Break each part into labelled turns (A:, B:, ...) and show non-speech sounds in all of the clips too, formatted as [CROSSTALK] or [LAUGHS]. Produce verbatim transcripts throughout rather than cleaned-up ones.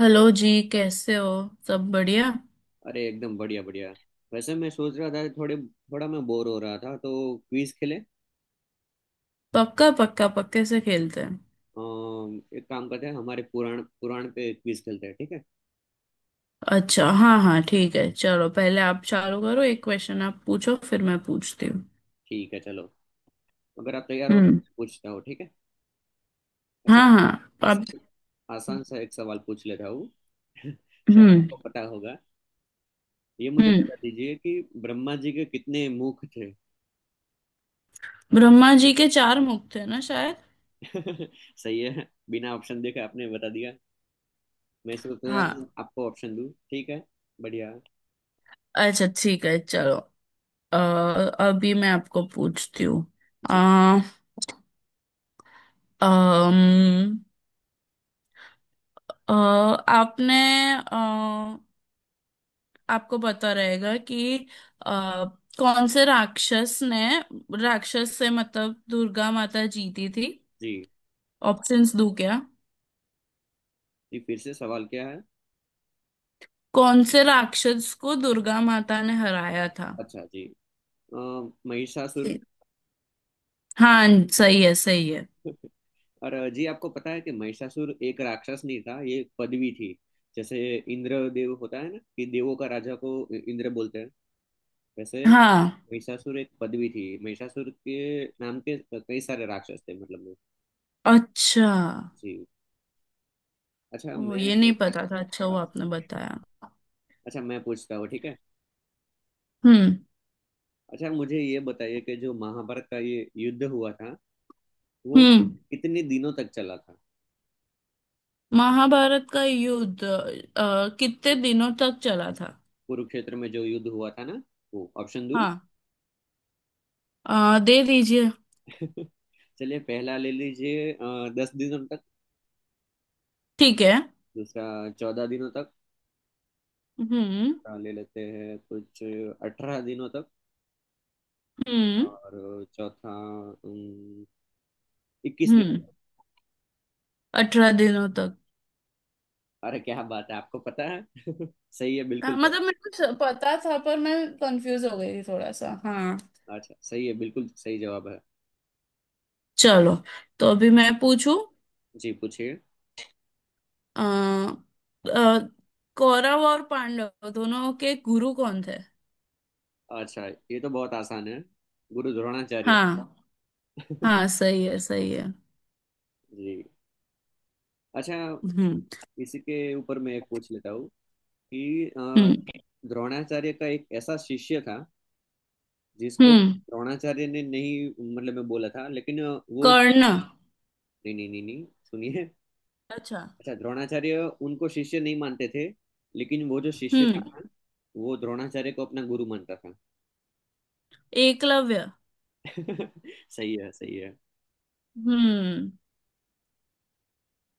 A: Hello जी, कैसे हो? सब बढ़िया।
B: अरे, एकदम बढ़िया बढ़िया। वैसे मैं सोच रहा था, थोड़े थोड़ा मैं बोर हो रहा था तो क्विज खेले
A: पक्का पक्का, पक्के से खेलते हैं।
B: अम, एक काम करते हैं, हमारे पुराण पुराण पे क्विज खेलते हैं, ठीक है?
A: अच्छा, हाँ हाँ, ठीक है, चलो, पहले आप चालू करो, एक क्वेश्चन आप पूछो, फिर मैं पूछती हूँ।
B: ठीक है, चलो। अगर आप तैयार हो तो
A: हम्म।
B: पूछता हो, ठीक है। अच्छा,
A: हाँ हाँ। आप।
B: आसान आसान सा एक सवाल पूछ लेता हूँ। [LAUGHS] शायद
A: हम्म।
B: आपको पता होगा। ये मुझे
A: हम्म।
B: बता दीजिए कि ब्रह्मा जी के कितने मुख थे।
A: ब्रह्मा जी के चार मुख थे ना, शायद।
B: [LAUGHS] सही है, बिना ऑप्शन देखे आपने बता दिया। मैं सोच रहा था
A: हाँ।
B: आपको ऑप्शन दूं, ठीक है। बढ़िया।
A: अच्छा, ठीक है, चलो। अ, अभी मैं आपको पूछती हूँ। अ,
B: जी
A: अम, अ, आपने, आपको पता रहेगा कि आ, कौन से राक्षस ने, राक्षस से मतलब दुर्गा माता जीती थी।
B: जी।
A: ऑप्शंस दूं क्या?
B: जी, फिर से सवाल क्या है?
A: कौन से राक्षस को दुर्गा माता ने हराया था?
B: अच्छा, जी। अ, महिषासुर।
A: जी। हाँ। सही है, सही है।
B: और अ, जी, आपको पता है कि महिषासुर एक राक्षस नहीं था, ये एक पदवी थी। जैसे इंद्र देव होता है ना, कि देवों का राजा को इंद्र बोलते हैं। वैसे
A: हाँ।
B: महिषासुर एक पदवी थी, महिषासुर के नाम के कई सारे राक्षस थे, मतलब में।
A: अच्छा।
B: जी। अच्छा
A: ओ,
B: मैं
A: ये नहीं पता था, अच्छा वो आपने बताया।
B: अच्छा मैं पूछता हूँ, ठीक है।
A: हम्म।
B: अच्छा, मुझे ये बताइए कि जो महाभारत का ये युद्ध हुआ था वो
A: हम्म।
B: कितने दिनों तक चला था।
A: महाभारत का युद्ध अ, कितने दिनों तक चला था?
B: कुरुक्षेत्र में जो युद्ध हुआ था ना, वो, ऑप्शन दो।
A: हाँ। अ, दे दीजिए।
B: [LAUGHS] चलिए, पहला ले लीजिए, अ, दस दिनों तक।
A: ठीक है।
B: दूसरा, चौदह दिनों तक।
A: हम्म।
B: अ, ले लेते हैं कुछ, अठारह दिनों तक।
A: हम्म।
B: और चौथा, अम, इक्कीस दिनों
A: हम्म।
B: तक।
A: अठारह दिनों तक।
B: अरे क्या बात है, आपको पता है! [LAUGHS] सही है,
A: हाँ,
B: बिल्कुल।
A: मतलब मेरे को स- पता था, पर मैं कंफ्यूज हो गई थी थोड़ा सा, हाँ।
B: अच्छा, सही है, बिल्कुल सही जवाब है।
A: चलो। तो अभी मैं पूछूं।
B: जी, पूछिए।
A: आ, कौरव और पांडव दोनों के गुरु कौन थे?
B: अच्छा, ये तो बहुत आसान है, गुरु द्रोणाचार्य।
A: हाँ। हाँ
B: [LAUGHS]
A: सही है, सही है।
B: जी। अच्छा,
A: हम्म।
B: इसी के ऊपर मैं एक पूछ लेता हूँ, कि अ,
A: हम्म।
B: द्रोणाचार्य का एक ऐसा शिष्य था जिसको
A: हम्म।
B: द्रोणाचार्य ने नहीं, मतलब मैं बोला था लेकिन, वो।
A: कर्ण।
B: नहीं नहीं नहीं नहीं, सुनिए।
A: अच्छा।
B: अच्छा, द्रोणाचार्य उनको शिष्य नहीं मानते थे, लेकिन वो जो शिष्य
A: हम्म।
B: था ना, वो द्रोणाचार्य को अपना गुरु मानता था।
A: एकलव्य।
B: [LAUGHS] सही है, सही है।
A: हम्म।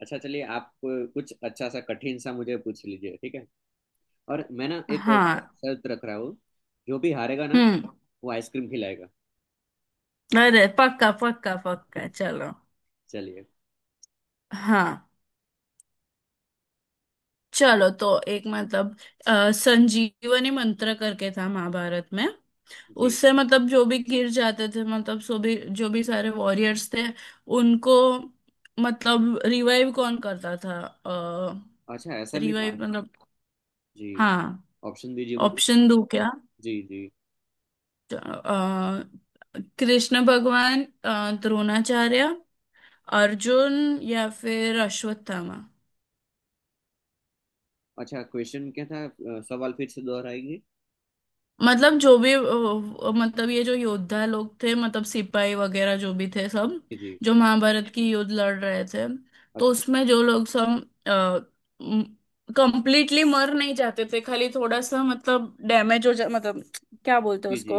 B: अच्छा, चलिए आप कुछ अच्छा सा कठिन सा मुझे पूछ लीजिए, ठीक है। और मैं ना एक
A: हाँ।
B: शर्त रख रहा हूँ, जो भी हारेगा ना
A: हम्म।
B: वो आइसक्रीम खिलाएगा।
A: अरे पक्का पक्का पक्का, चलो।
B: चलिए।
A: हाँ। चलो, तो एक मतलब, अ, संजीवनी मंत्र करके था महाभारत में।
B: जी।
A: उससे मतलब जो भी गिर जाते थे, मतलब सो भी, जो भी सारे वॉरियर्स थे। उनको, मतलब रिवाइव कौन करता था? अ
B: अच्छा, ऐसा भी था।
A: रिवाइव मतलब।
B: जी,
A: हाँ।
B: ऑप्शन दीजिए मुझे।
A: ऑप्शन दो क्या?
B: जी जी।
A: अ, कृष्ण भगवान, अ, द्रोणाचार्य, अर्जुन, या फिर अश्वत्थामा।
B: अच्छा, क्वेश्चन क्या था, अ, सवाल फिर से दोहराएंगे।
A: मतलब जो भी अ, मतलब ये जो योद्धा लोग थे, मतलब सिपाही वगैरह जो भी थे, सब।
B: जी जी।
A: जो महाभारत की युद्ध लड़ रहे थे। तो
B: अच्छा।
A: उसमें जो लोग सब कंप्लीटली मर नहीं जाते थे, खाली थोड़ा सा मतलब डैमेज हो जा, मतलब क्या बोलते हैं
B: जी जी।
A: उसको?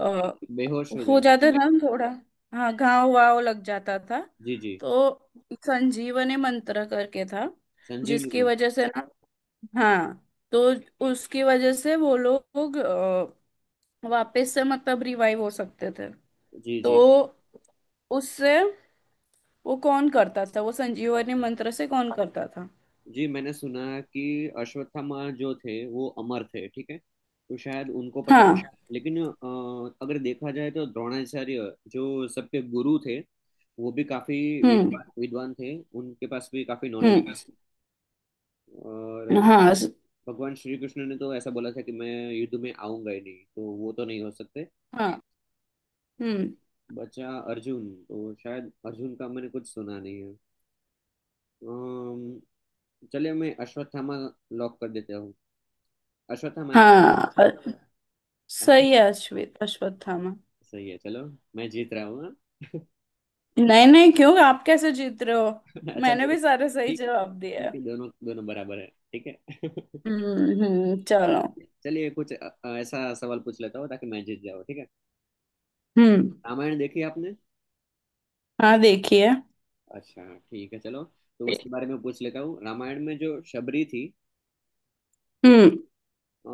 A: अ,
B: बेहोश हो
A: हो
B: जाते।
A: जाता था थोड़ा। हाँ, घाव वाव लग जाता था।
B: जी जी।
A: तो संजीवनी मंत्र करके था,
B: संजीवनी
A: जिसकी
B: मन।
A: वजह से ना।
B: जी
A: हाँ। तो उसकी वजह से वो लोग वापस से मतलब रिवाइव हो सकते थे।
B: जी।
A: तो
B: जी।
A: उससे वो कौन करता था, वो संजीवनी
B: अच्छा,
A: मंत्र से कौन करता था?
B: जी, मैंने सुना कि अश्वत्थामा जो थे वो अमर थे, ठीक है, तो शायद उनको पता
A: हाँ।
B: था। लेकिन अ, अगर देखा जाए तो द्रोणाचार्य जो सबके गुरु थे, वो भी काफी
A: हम्म।
B: विद्वान विद्वान थे, उनके पास भी काफी नॉलेज।
A: हम्म।
B: और
A: हाँ स-
B: भगवान श्री कृष्ण ने तो ऐसा बोला था कि मैं युद्ध में आऊंगा ही नहीं, तो वो तो नहीं हो सकते।
A: हाँ। हम्म।
B: बचा अर्जुन, तो शायद अर्जुन का मैंने कुछ सुना नहीं है। अम्म, चलिए मैं अश्वत्थामा लॉक कर देता हूँ। अश्वत्थामा एक-
A: हाँ, अ- सही है,
B: [LAUGHS]
A: अश्वित अश्वत्थामा।
B: सही है, चलो, मैं जीत रहा हूँ हाँ।
A: नहीं नहीं, क्यों? आप कैसे जीत रहे हो?
B: [LAUGHS] अच्छा,
A: मैंने
B: दोनों।
A: भी सारे सही
B: ठीक है,
A: जवाब दिए
B: ठीक
A: हैं।
B: है, दोनों दोनों बराबर है। ठीक है। [LAUGHS]
A: हम्म हम्म, चलो।
B: चलिए कुछ अ- अ- ऐसा सवाल पूछ लेता हूँ, ताकि मैं जीत जाऊँ, ठीक है।
A: हम्म।
B: रामायण देखी है आपने?
A: हाँ, देखिए।
B: अच्छा, ठीक है, चलो। तो उसके बारे में पूछ लेता हूँ, रामायण में जो शबरी थी, ठीक,
A: हम्म।
B: अ,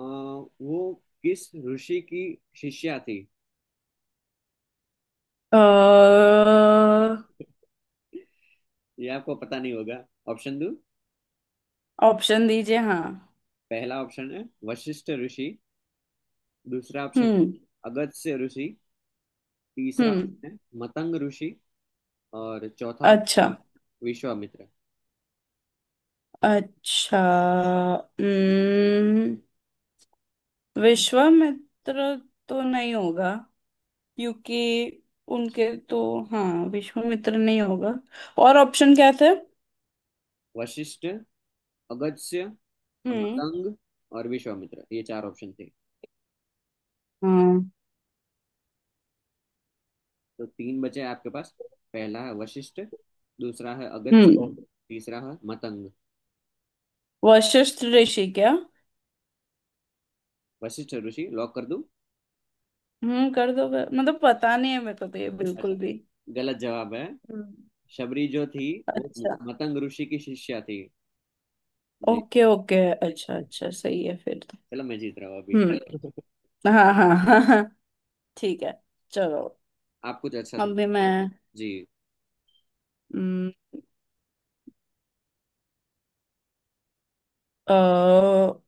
B: वो किस ऋषि की शिष्या थी।
A: अ,
B: ये आपको पता नहीं होगा। ऑप्शन दो?
A: ऑप्शन दीजिए, हाँ।
B: पहला ऑप्शन है, वशिष्ठ ऋषि। दूसरा ऑप्शन
A: हम्म।
B: है, अगस्त्य ऋषि। तीसरा
A: हम्म।
B: ऑप्शन है, मतंग ऋषि। और चौथा,
A: अच्छा,
B: विश्वामित्र।
A: अच्छा। हम्म, विश्वामित्र तो नहीं होगा, क्योंकि उनके तो। हाँ, विश्वामित्र नहीं होगा, और ऑप्शन क्या थे?
B: वशिष्ठ, अगस्त्य,
A: हम्म।
B: मतंग और विश्वामित्र, ये चार ऑप्शन थे।
A: हाँ।
B: तो तीन बचे आपके पास। पहला है वशिष्ठ, दूसरा है अगस्त्य,
A: हम्म।
B: तीसरा है मतंग।
A: वशिष्ठ ऋषि क्या?
B: वशिष्ठ ऋषि लॉक कर दूं?
A: हम्म कर दो, मतलब पता नहीं है मेरे को तो ये
B: अच्छा,
A: बिल्कुल भी।
B: गलत जवाब है।
A: हम्म।
B: शबरी जो थी, वो
A: अच्छा,
B: मतंग ऋषि की शिष्या थी। जी।
A: Okay okay. अच्छा अच्छा, सही है फिर तो।
B: चलो, मैं जीत रहा हूँ अभी।
A: हम्म।
B: [LAUGHS]
A: हाँ हाँ हाँ हाँ। ठीक है। चलो।
B: आप कुछ अच्छा से।
A: अभी मैं।
B: जी।
A: हम्म,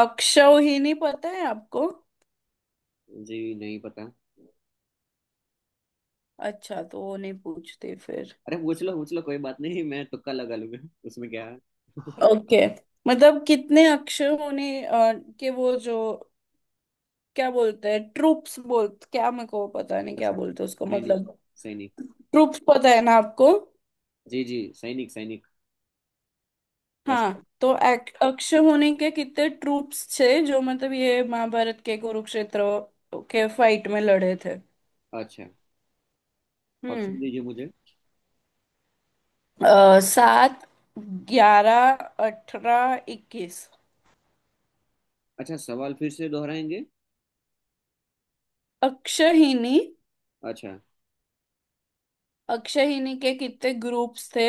A: अक्षौहिणी पता है आपको?
B: जी नहीं पता।
A: अच्छा, तो वो नहीं पूछते फिर।
B: अरे पूछ लो, पूछ लो, कोई बात नहीं, मैं तुक्का लगा लूंगा। उसमें क्या है? [LAUGHS]
A: हाँ। ओके। मतलब कितने अक्षर होने अ, के वो जो, क्या बोलते हैं, ट्रूप्स बोल, क्या मेरे को पता नहीं क्या
B: अच्छा,
A: बोलते हैं उसको,
B: सैनिक,
A: मतलब
B: सैनिक।
A: ट्रूप्स पता है ना आपको?
B: जी जी, सैनिक, सैनिक। लश्कर।
A: हाँ, तो एक- अक्षर होने के कितने ट्रूप्स थे जो मतलब ये महाभारत के कुरुक्षेत्र के फाइट में लड़े थे।
B: अच्छा,
A: हम्म।
B: ऑप्शन दीजिए मुझे।
A: अ, सात, ग्यारह, अठारह, इक्कीस।
B: अच्छा, सवाल फिर से दोहराएंगे।
A: अक्षहिनी।
B: अच्छा।
A: अक्षहिनी के कितने ग्रुप्स थे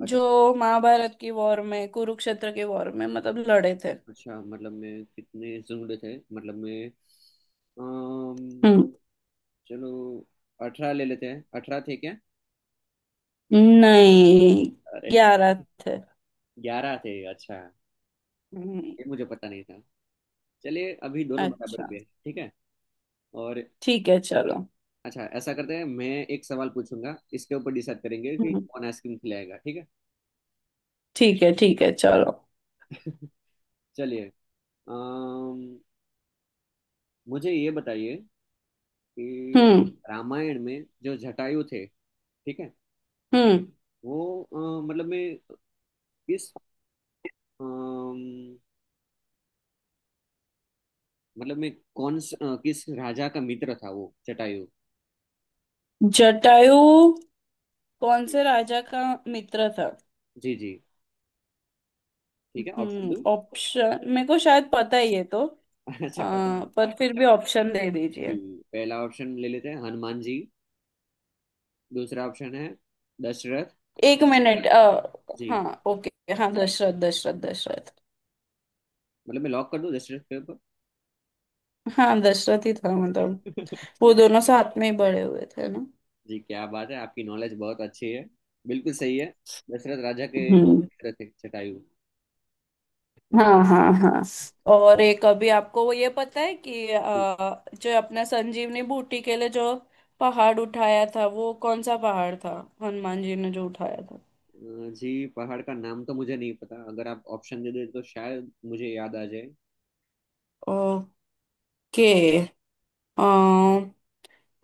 B: अच्छा,
A: जो महाभारत की वॉर में, कुरुक्षेत्र की वॉर में मतलब लड़े थे?
B: अच्छा, मतलब मैं कितने जुड़े थे, मतलब मैं। अम,
A: हम्म।
B: चलो, अठारह ले लेते हैं, अठारह थे क्या?
A: नहीं।
B: अरे!
A: ग्यारह थे।
B: ग्यारह थे? अच्छा।
A: हम्म।
B: ये मुझे पता नहीं था। चलिए, अभी दोनों बराबर
A: अच्छा।
B: गए, ठीक है। और।
A: ठीक है, चलो।
B: अच्छा, ऐसा करते हैं, मैं एक सवाल पूछूंगा, इसके ऊपर डिसाइड करेंगे कि
A: हम्म।
B: कौन आइसक्रीम खिलाएगा, ठीक है।
A: ठीक है, ठीक है, चलो।
B: [LAUGHS] चलिए, अम, मुझे ये बताइए कि
A: हम्म।
B: रामायण में जो जटायु थे, ठीक है,
A: हम्म।
B: वो अ, मतलब में किस, अम, मतलब में कौन स- अ, किस राजा का मित्र था वो जटायु।
A: जटायु कौन से राजा का मित्र था?
B: जी जी, ठीक है, ऑप्शन
A: हम्म
B: दो?
A: ऑप्शन मेरे को शायद पता ही है, तो
B: [LAUGHS] अच्छा, पता
A: आ,
B: है?
A: पर फिर भी ऑप्शन दे
B: जी,
A: दीजिए।
B: पहला ऑप्शन ले लेते हैं, हनुमान जी। दूसरा ऑप्शन है, दशरथ।
A: एक मिनट, आ,
B: जी,
A: हाँ, ओके, हाँ, दशरथ दशरथ दशरथ।
B: मतलब मैं लॉक कर दूं दशरथ के
A: हाँ, दशरथ ही था मतलब।
B: ऊपर?
A: वो
B: [LAUGHS]
A: दोनों साथ में ही बड़े हुए थे ना?
B: जी, क्या बात है, आपकी नॉलेज बहुत अच्छी है, बिल्कुल सही है। दशरथ राजा के वो
A: हम्म।
B: पुत्र थे, जटायु।
A: हाँ हाँ हाँ। और एक, अभी आपको वो ये पता है कि अ, जो अपना संजीवनी बूटी के लिए जो पहाड़ उठाया था वो कौन सा पहाड़ था? हनुमान जी ने जो उठाया था।
B: अ, जी, पहाड़ का नाम तो मुझे नहीं पता, अगर आप ऑप्शन दे दे तो शायद मुझे याद आ जाए।
A: ओके। अ,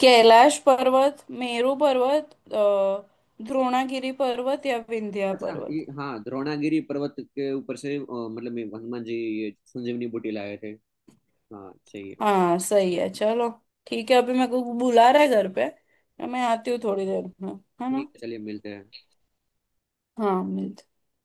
A: कैलाश पर्वत, मेरू पर्वत, अ, द्रोणागिरी पर्वत, या विंध्या।
B: अच्छा, ये, हाँ, द्रोणागिरी पर्वत के ऊपर से, अ, मतलब ये हनुमान जी ये संजीवनी बूटी लाए थे। हाँ, सही है।
A: हाँ सही है, चलो। ठीक है, अभी मेरे को बुला रहा है घर पे, तो मैं आती हूँ थोड़ी देर में। है ना?
B: ठीक है, चलिए, मिलते हैं।
A: हाँ, मिलते।